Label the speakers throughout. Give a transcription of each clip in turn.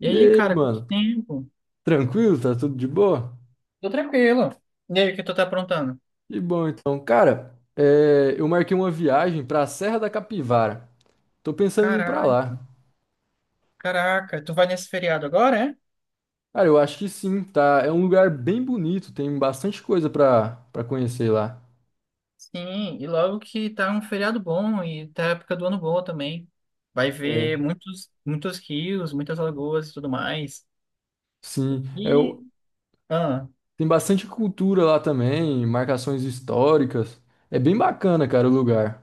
Speaker 1: E
Speaker 2: E
Speaker 1: aí,
Speaker 2: aí,
Speaker 1: cara, quanto
Speaker 2: mano?
Speaker 1: tempo?
Speaker 2: Tranquilo? Tá tudo de boa?
Speaker 1: Tô tranquilo. E aí, o que tu tá aprontando?
Speaker 2: Que bom, então. Cara, é, eu marquei uma viagem pra Serra da Capivara. Tô pensando em ir pra lá.
Speaker 1: Caraca, tu vai nesse feriado agora, é?
Speaker 2: Cara, eu acho que sim, tá? É um lugar bem bonito, tem bastante coisa pra conhecer lá.
Speaker 1: Sim, e logo que tá um feriado bom e tá a época do ano boa também. Vai
Speaker 2: É,
Speaker 1: ver muitos rios, muitas lagoas e tudo mais.
Speaker 2: sim. É,
Speaker 1: E, ah,
Speaker 2: tem bastante cultura lá também, marcações históricas. É bem bacana, cara, o lugar.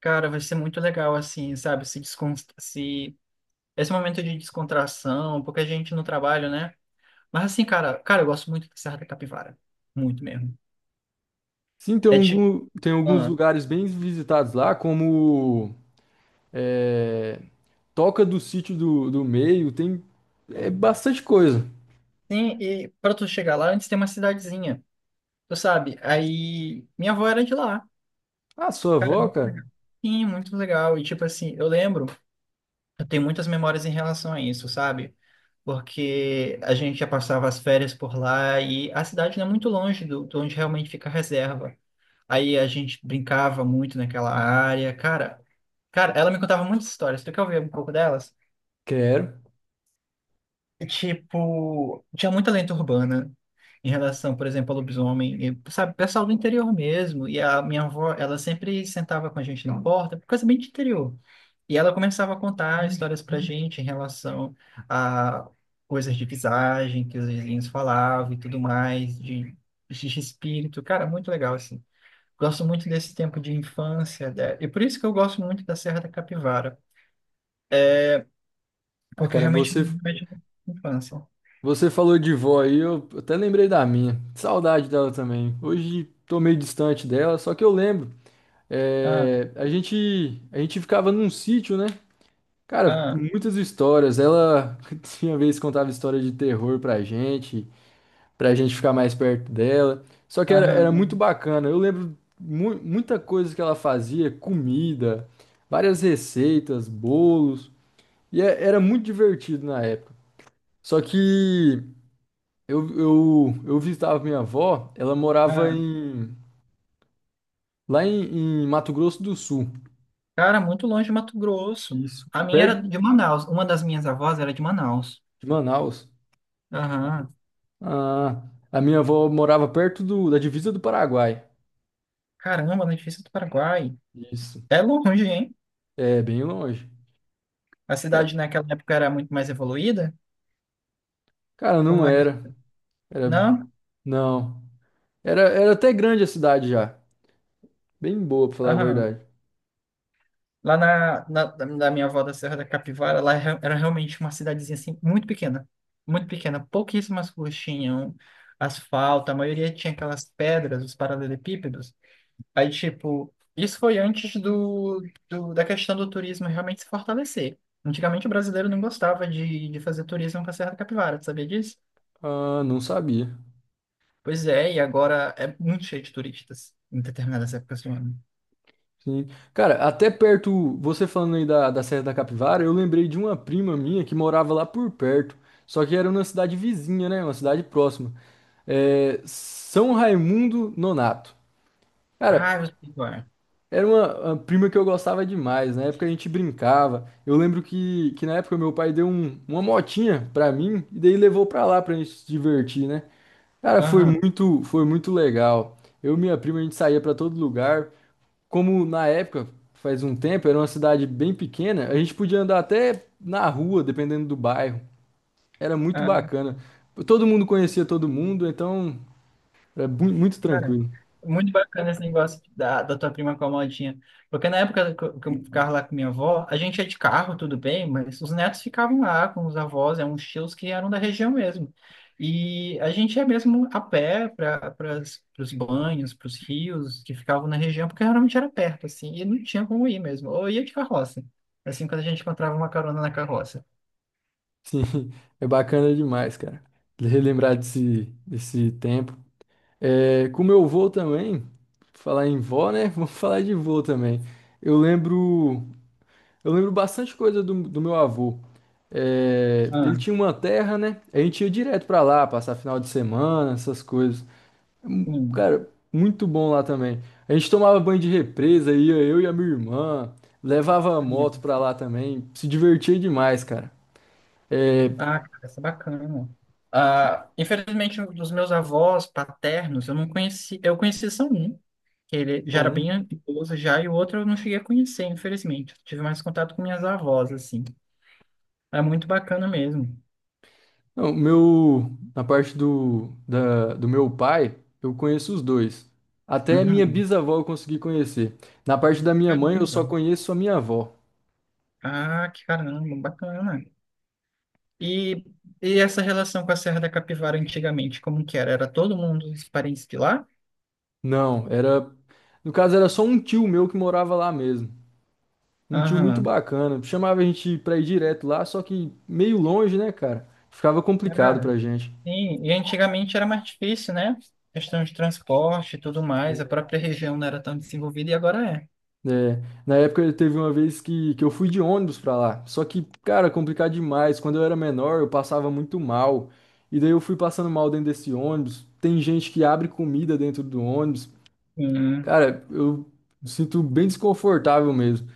Speaker 1: Cara, vai ser muito legal, assim, sabe? Se descon... se... Esse momento de descontração, porque a gente no trabalho, né? Mas assim, cara, eu gosto muito de Serra da Capivara. Muito mesmo.
Speaker 2: Sim, tem,
Speaker 1: É tipo.
Speaker 2: algum, tem alguns
Speaker 1: ah,
Speaker 2: lugares bem visitados lá, como... é, toca do sítio do meio, tem é bastante coisa.
Speaker 1: Sim, e para tu chegar lá, antes tem uma cidadezinha, tu sabe? Aí minha avó era de lá.
Speaker 2: Ah, sua
Speaker 1: Cara,
Speaker 2: avó, cara?
Speaker 1: sim, muito legal. E tipo assim, eu tenho muitas memórias em relação a isso, sabe? Porque a gente já passava as férias por lá e a cidade não é muito longe de onde realmente fica a reserva. Aí a gente brincava muito naquela área. Cara, ela me contava muitas histórias. Tu quer ouvir um pouco delas?
Speaker 2: Quero.
Speaker 1: Tipo, tinha muita lenda urbana em relação, por exemplo, ao lobisomem, e, sabe, pessoal do interior mesmo. E a minha avó, ela sempre sentava com a gente na porta, coisa bem de interior. E ela começava a contar histórias pra gente em relação a coisas de visagem que os vizinhos falavam e tudo mais, de espírito. Cara, muito legal, assim. Gosto muito desse tempo de infância, né? E por isso que eu gosto muito da Serra da Capivara,
Speaker 2: Ah,
Speaker 1: porque
Speaker 2: cara,
Speaker 1: realmente
Speaker 2: você
Speaker 1: me remete à infância.
Speaker 2: você falou de vó aí, eu até lembrei da minha. Saudade dela também. Hoje tô meio distante dela, só que eu lembro.
Speaker 1: Ah,
Speaker 2: É, a gente ficava num sítio, né? Cara,
Speaker 1: ah,
Speaker 2: muitas histórias. Ela tinha vez contava história de terror pra gente, pra gente ficar mais perto dela. Só que era muito
Speaker 1: aham.
Speaker 2: bacana. Eu lembro muita coisa que ela fazia, comida, várias receitas, bolos, e era muito divertido na época. Só que eu visitava minha avó, ela morava
Speaker 1: É,
Speaker 2: lá em, em Mato Grosso do Sul,
Speaker 1: cara, muito longe de Mato Grosso.
Speaker 2: isso,
Speaker 1: A minha era
Speaker 2: perto
Speaker 1: de Manaus. Uma das minhas avós era de Manaus.
Speaker 2: de Manaus.
Speaker 1: Aham.
Speaker 2: Ah, a minha avó morava perto da divisa do Paraguai.
Speaker 1: Caramba, na divisa do Paraguai.
Speaker 2: Isso,
Speaker 1: É longe, hein?
Speaker 2: é bem longe.
Speaker 1: A
Speaker 2: Ca-
Speaker 1: cidade naquela época era muito mais evoluída.
Speaker 2: Cara, não
Speaker 1: Como era?
Speaker 2: era. Era,
Speaker 1: Não?
Speaker 2: não. Era, era até grande a cidade já. Bem boa, pra falar a
Speaker 1: Aham.
Speaker 2: verdade.
Speaker 1: Lá na, na, da da minha avó da Serra da Capivara, lá era realmente uma cidadezinha assim, muito pequena. Muito pequena. Pouquíssimas ruas tinham asfalto. A maioria tinha aquelas pedras, os paralelepípedos. Aí, tipo, isso foi antes da questão do turismo realmente se fortalecer. Antigamente o brasileiro não gostava de fazer turismo com a Serra da Capivara, tu sabia disso?
Speaker 2: Ah, não sabia.
Speaker 1: Pois é, e agora é muito cheio de turistas em determinadas épocas do ano.
Speaker 2: Sim. Cara, até perto, você falando aí da Serra da Capivara, eu lembrei de uma prima minha que morava lá por perto. Só que era uma cidade vizinha, né? Uma cidade próxima. É, São Raimundo Nonato. Cara,
Speaker 1: Ah, eu sei qual é.
Speaker 2: era uma prima que eu gostava demais. Na época a gente brincava. Eu lembro que na época meu pai deu uma motinha pra mim e daí levou pra lá pra gente se divertir, né? Cara,
Speaker 1: Aham.
Speaker 2: foi muito legal. Eu e minha prima a gente saía pra todo lugar. Como na época, faz um tempo, era uma cidade bem pequena, a gente podia andar até na rua, dependendo do bairro. Era muito bacana. Todo mundo conhecia todo mundo, então era muito
Speaker 1: Cara,
Speaker 2: tranquilo.
Speaker 1: muito bacana esse negócio da tua prima com a modinha. Porque na época que eu ficava lá com minha avó, a gente ia de carro, tudo bem, mas os netos ficavam lá com os avós, eram uns tios que eram da região mesmo. E a gente ia mesmo a pé para os banhos, para os rios que ficavam na região, porque realmente era perto, assim, e não tinha como ir mesmo. Ou ia de carroça, assim, quando a gente encontrava uma carona na carroça.
Speaker 2: Sim, é bacana demais, cara. Relembrar desse tempo. É, com meu avô também, falar em vó, né? Vamos falar de vô também. Eu lembro, eu lembro bastante coisa do meu avô. É, ele
Speaker 1: Ah,
Speaker 2: tinha uma terra, né? A gente ia direto pra lá, passar final de semana, essas coisas.
Speaker 1: sim.
Speaker 2: Cara, muito bom lá também. A gente tomava banho de represa, ia eu e a minha irmã, levava a moto pra lá também, se divertia demais, cara. É,
Speaker 1: Ah, cara, isso é bacana. Ah, infelizmente, um dos meus avós paternos, eu não conheci. Eu conheci só um, que ele já era
Speaker 2: bom.
Speaker 1: bem idoso já, e o outro eu não cheguei a conhecer, infelizmente. Eu tive mais contato com minhas avós, assim. É muito bacana mesmo.
Speaker 2: Não, meu, na parte do meu pai, eu conheço os dois. Até minha
Speaker 1: Uhum.
Speaker 2: bisavó eu consegui conhecer. Na parte da minha mãe, eu
Speaker 1: Caramba.
Speaker 2: só conheço a minha avó.
Speaker 1: Ah, que caramba, bacana. E, e essa relação com a Serra da Capivara antigamente, como que era? Era todo mundo os parentes de lá?
Speaker 2: Não, era. No caso, era só um tio meu que morava lá mesmo. Um tio muito
Speaker 1: Aham.
Speaker 2: bacana. Chamava a gente pra ir direto lá, só que meio longe, né, cara? Ficava complicado pra
Speaker 1: Cara,
Speaker 2: gente.
Speaker 1: sim, e antigamente era mais difícil, né? Questão de transporte e tudo mais, a própria região não era tão desenvolvida e agora é.
Speaker 2: É, na época teve uma vez que eu fui de ônibus pra lá. Só que, cara, complicado demais. Quando eu era menor, eu passava muito mal. E daí eu fui passando mal dentro desse ônibus. Tem gente que abre comida dentro do ônibus.
Speaker 1: Sim,
Speaker 2: Cara, eu me sinto bem desconfortável mesmo.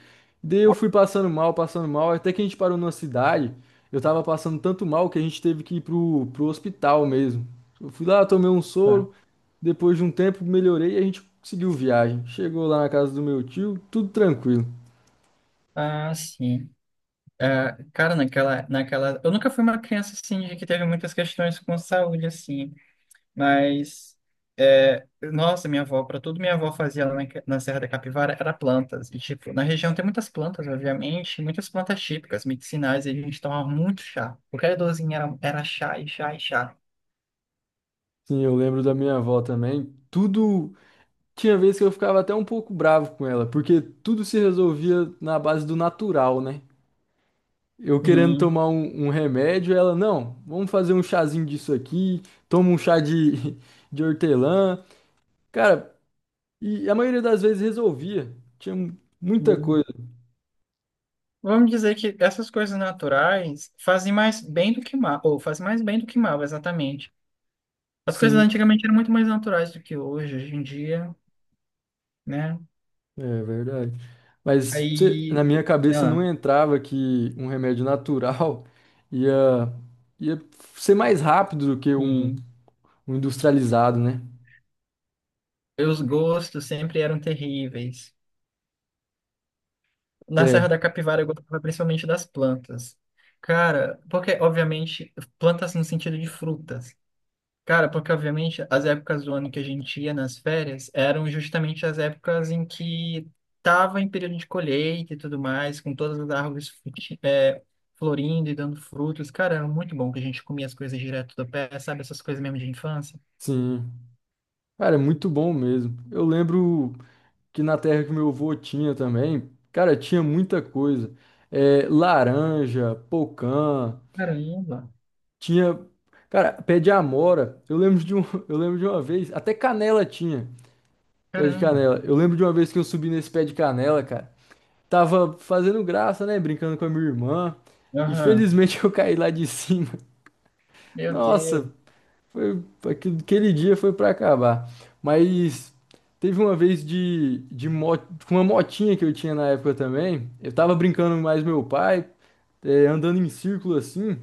Speaker 2: Daí eu fui passando mal, até que a gente parou numa cidade. Eu tava passando tanto mal que a gente teve que ir pro hospital mesmo. Eu fui lá, tomei um
Speaker 1: tá.
Speaker 2: soro, depois de um tempo melhorei e a gente seguiu viagem. Chegou lá na casa do meu tio, tudo tranquilo.
Speaker 1: Ah, sim. Ah, cara, naquela. Eu nunca fui uma criança assim de que teve muitas questões com saúde, assim, mas. É, nossa, minha avó, para tudo minha avó fazia lá na Serra da Capivara era plantas. E, tipo, na região tem muitas plantas, obviamente, muitas plantas típicas, medicinais, e a gente tomava muito chá. Qualquer dorzinha era chá e chá e chá.
Speaker 2: Sim, eu lembro da minha avó também. Tudo. Tinha vez que eu ficava até um pouco bravo com ela, porque tudo se resolvia na base do natural, né? Eu querendo
Speaker 1: Sim.
Speaker 2: tomar um remédio, ela, não, vamos fazer um chazinho disso aqui, toma um chá de, de hortelã. Cara, e a maioria das vezes resolvia. Tinha muita
Speaker 1: Hum.
Speaker 2: coisa.
Speaker 1: Vamos dizer que essas coisas naturais fazem mais bem do que mal, ou fazem mais bem do que mal, exatamente. As coisas
Speaker 2: Sim,
Speaker 1: antigamente eram muito mais naturais do que hoje em dia, né?
Speaker 2: é verdade. Mas você- na
Speaker 1: Aí,
Speaker 2: minha cabeça
Speaker 1: ah,
Speaker 2: não entrava que um remédio natural ia, ia ser mais rápido do que um
Speaker 1: sim.
Speaker 2: o industrializado, né?
Speaker 1: Os gostos sempre eram terríveis. Na
Speaker 2: É,
Speaker 1: Serra da Capivara eu gostava principalmente das plantas. Cara, porque obviamente plantas no sentido de frutas. Cara, porque obviamente as épocas do ano que a gente ia nas férias eram justamente as épocas em que tava em período de colheita e tudo mais, com todas as árvores florindo e dando frutos. Cara, era muito bom que a gente comia as coisas direto do pé, sabe? Essas coisas mesmo de infância.
Speaker 2: sim. Cara, é muito bom mesmo. Eu lembro que na terra que meu avô tinha também, cara, tinha muita coisa. É, laranja, pocã,
Speaker 1: Caramba,
Speaker 2: tinha, cara, pé de amora. Eu lembro de um, eu lembro de uma vez, até canela tinha, pé de
Speaker 1: caramba.
Speaker 2: canela. Eu lembro de uma vez que eu subi nesse pé de canela, cara. Tava fazendo graça, né, brincando com a minha irmã.
Speaker 1: Aham.
Speaker 2: Infelizmente eu caí lá de cima.
Speaker 1: Meu Deus.
Speaker 2: Nossa, foi, aquele dia foi pra acabar. Mas teve uma vez com uma motinha que eu tinha na época também. Eu tava brincando mais meu pai, é, andando em círculo assim.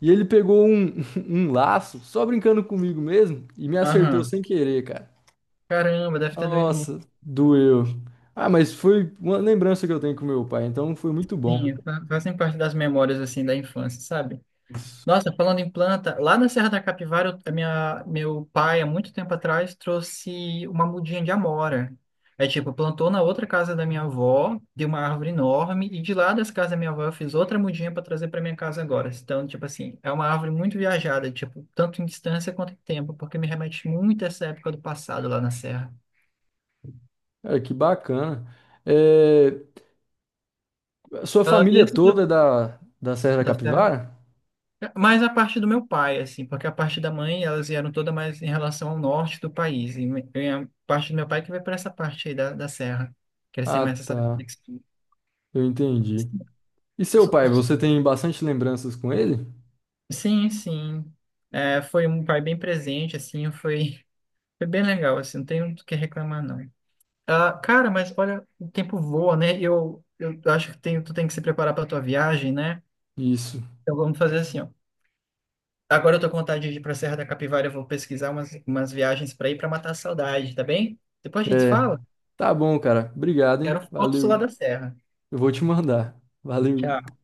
Speaker 2: E ele pegou um, um laço, só brincando comigo mesmo, e me acertou
Speaker 1: Aham.
Speaker 2: sem querer, cara.
Speaker 1: Caramba, deve ter doído
Speaker 2: Nossa,
Speaker 1: muito.
Speaker 2: doeu. Ah, mas foi uma lembrança que eu tenho com meu pai, então foi muito
Speaker 1: Sim,
Speaker 2: bom.
Speaker 1: fazem parte das memórias assim da infância, sabe? Nossa, falando em planta, lá na Serra da Capivara, meu pai, há muito tempo atrás, trouxe uma mudinha de amora. É tipo, plantou na outra casa da minha avó, deu uma árvore enorme, e de lá dessa casa da minha avó eu fiz outra mudinha para trazer para minha casa agora. Então, tipo assim, é uma árvore muito viajada, tipo, tanto em distância quanto em tempo, porque me remete muito a essa época do passado lá na Serra.
Speaker 2: Cara, que bacana. É, a sua
Speaker 1: Ah, e
Speaker 2: família
Speaker 1: esse,
Speaker 2: toda é da Serra da Capivara?
Speaker 1: mas a parte do meu pai, assim, porque a parte da mãe, elas vieram toda mais em relação ao norte do país. E a parte do meu pai que vai para essa parte aí da serra, que eles têm
Speaker 2: Ah,
Speaker 1: mais essa...
Speaker 2: tá.
Speaker 1: conexão.
Speaker 2: Eu entendi. E seu
Speaker 1: So-
Speaker 2: pai,
Speaker 1: so-
Speaker 2: você tem bastante lembranças com ele?
Speaker 1: Sim, sim. É, foi um pai bem presente, assim, foi bem legal, assim, não tenho do que reclamar, não. Ah, cara, mas olha, o tempo voa, né? Eu acho que tem, tu tem que se preparar para tua viagem, né?
Speaker 2: Isso.
Speaker 1: Então vamos fazer assim, ó. Agora eu tô com vontade de ir pra Serra da Capivara, eu vou pesquisar umas viagens para ir para matar a saudade, tá bem? Depois a gente
Speaker 2: É.
Speaker 1: fala.
Speaker 2: Tá bom, cara. Obrigado, hein?
Speaker 1: Quero fotos lá
Speaker 2: Valeu.
Speaker 1: da serra.
Speaker 2: Eu vou te mandar. Valeu.
Speaker 1: Tchau.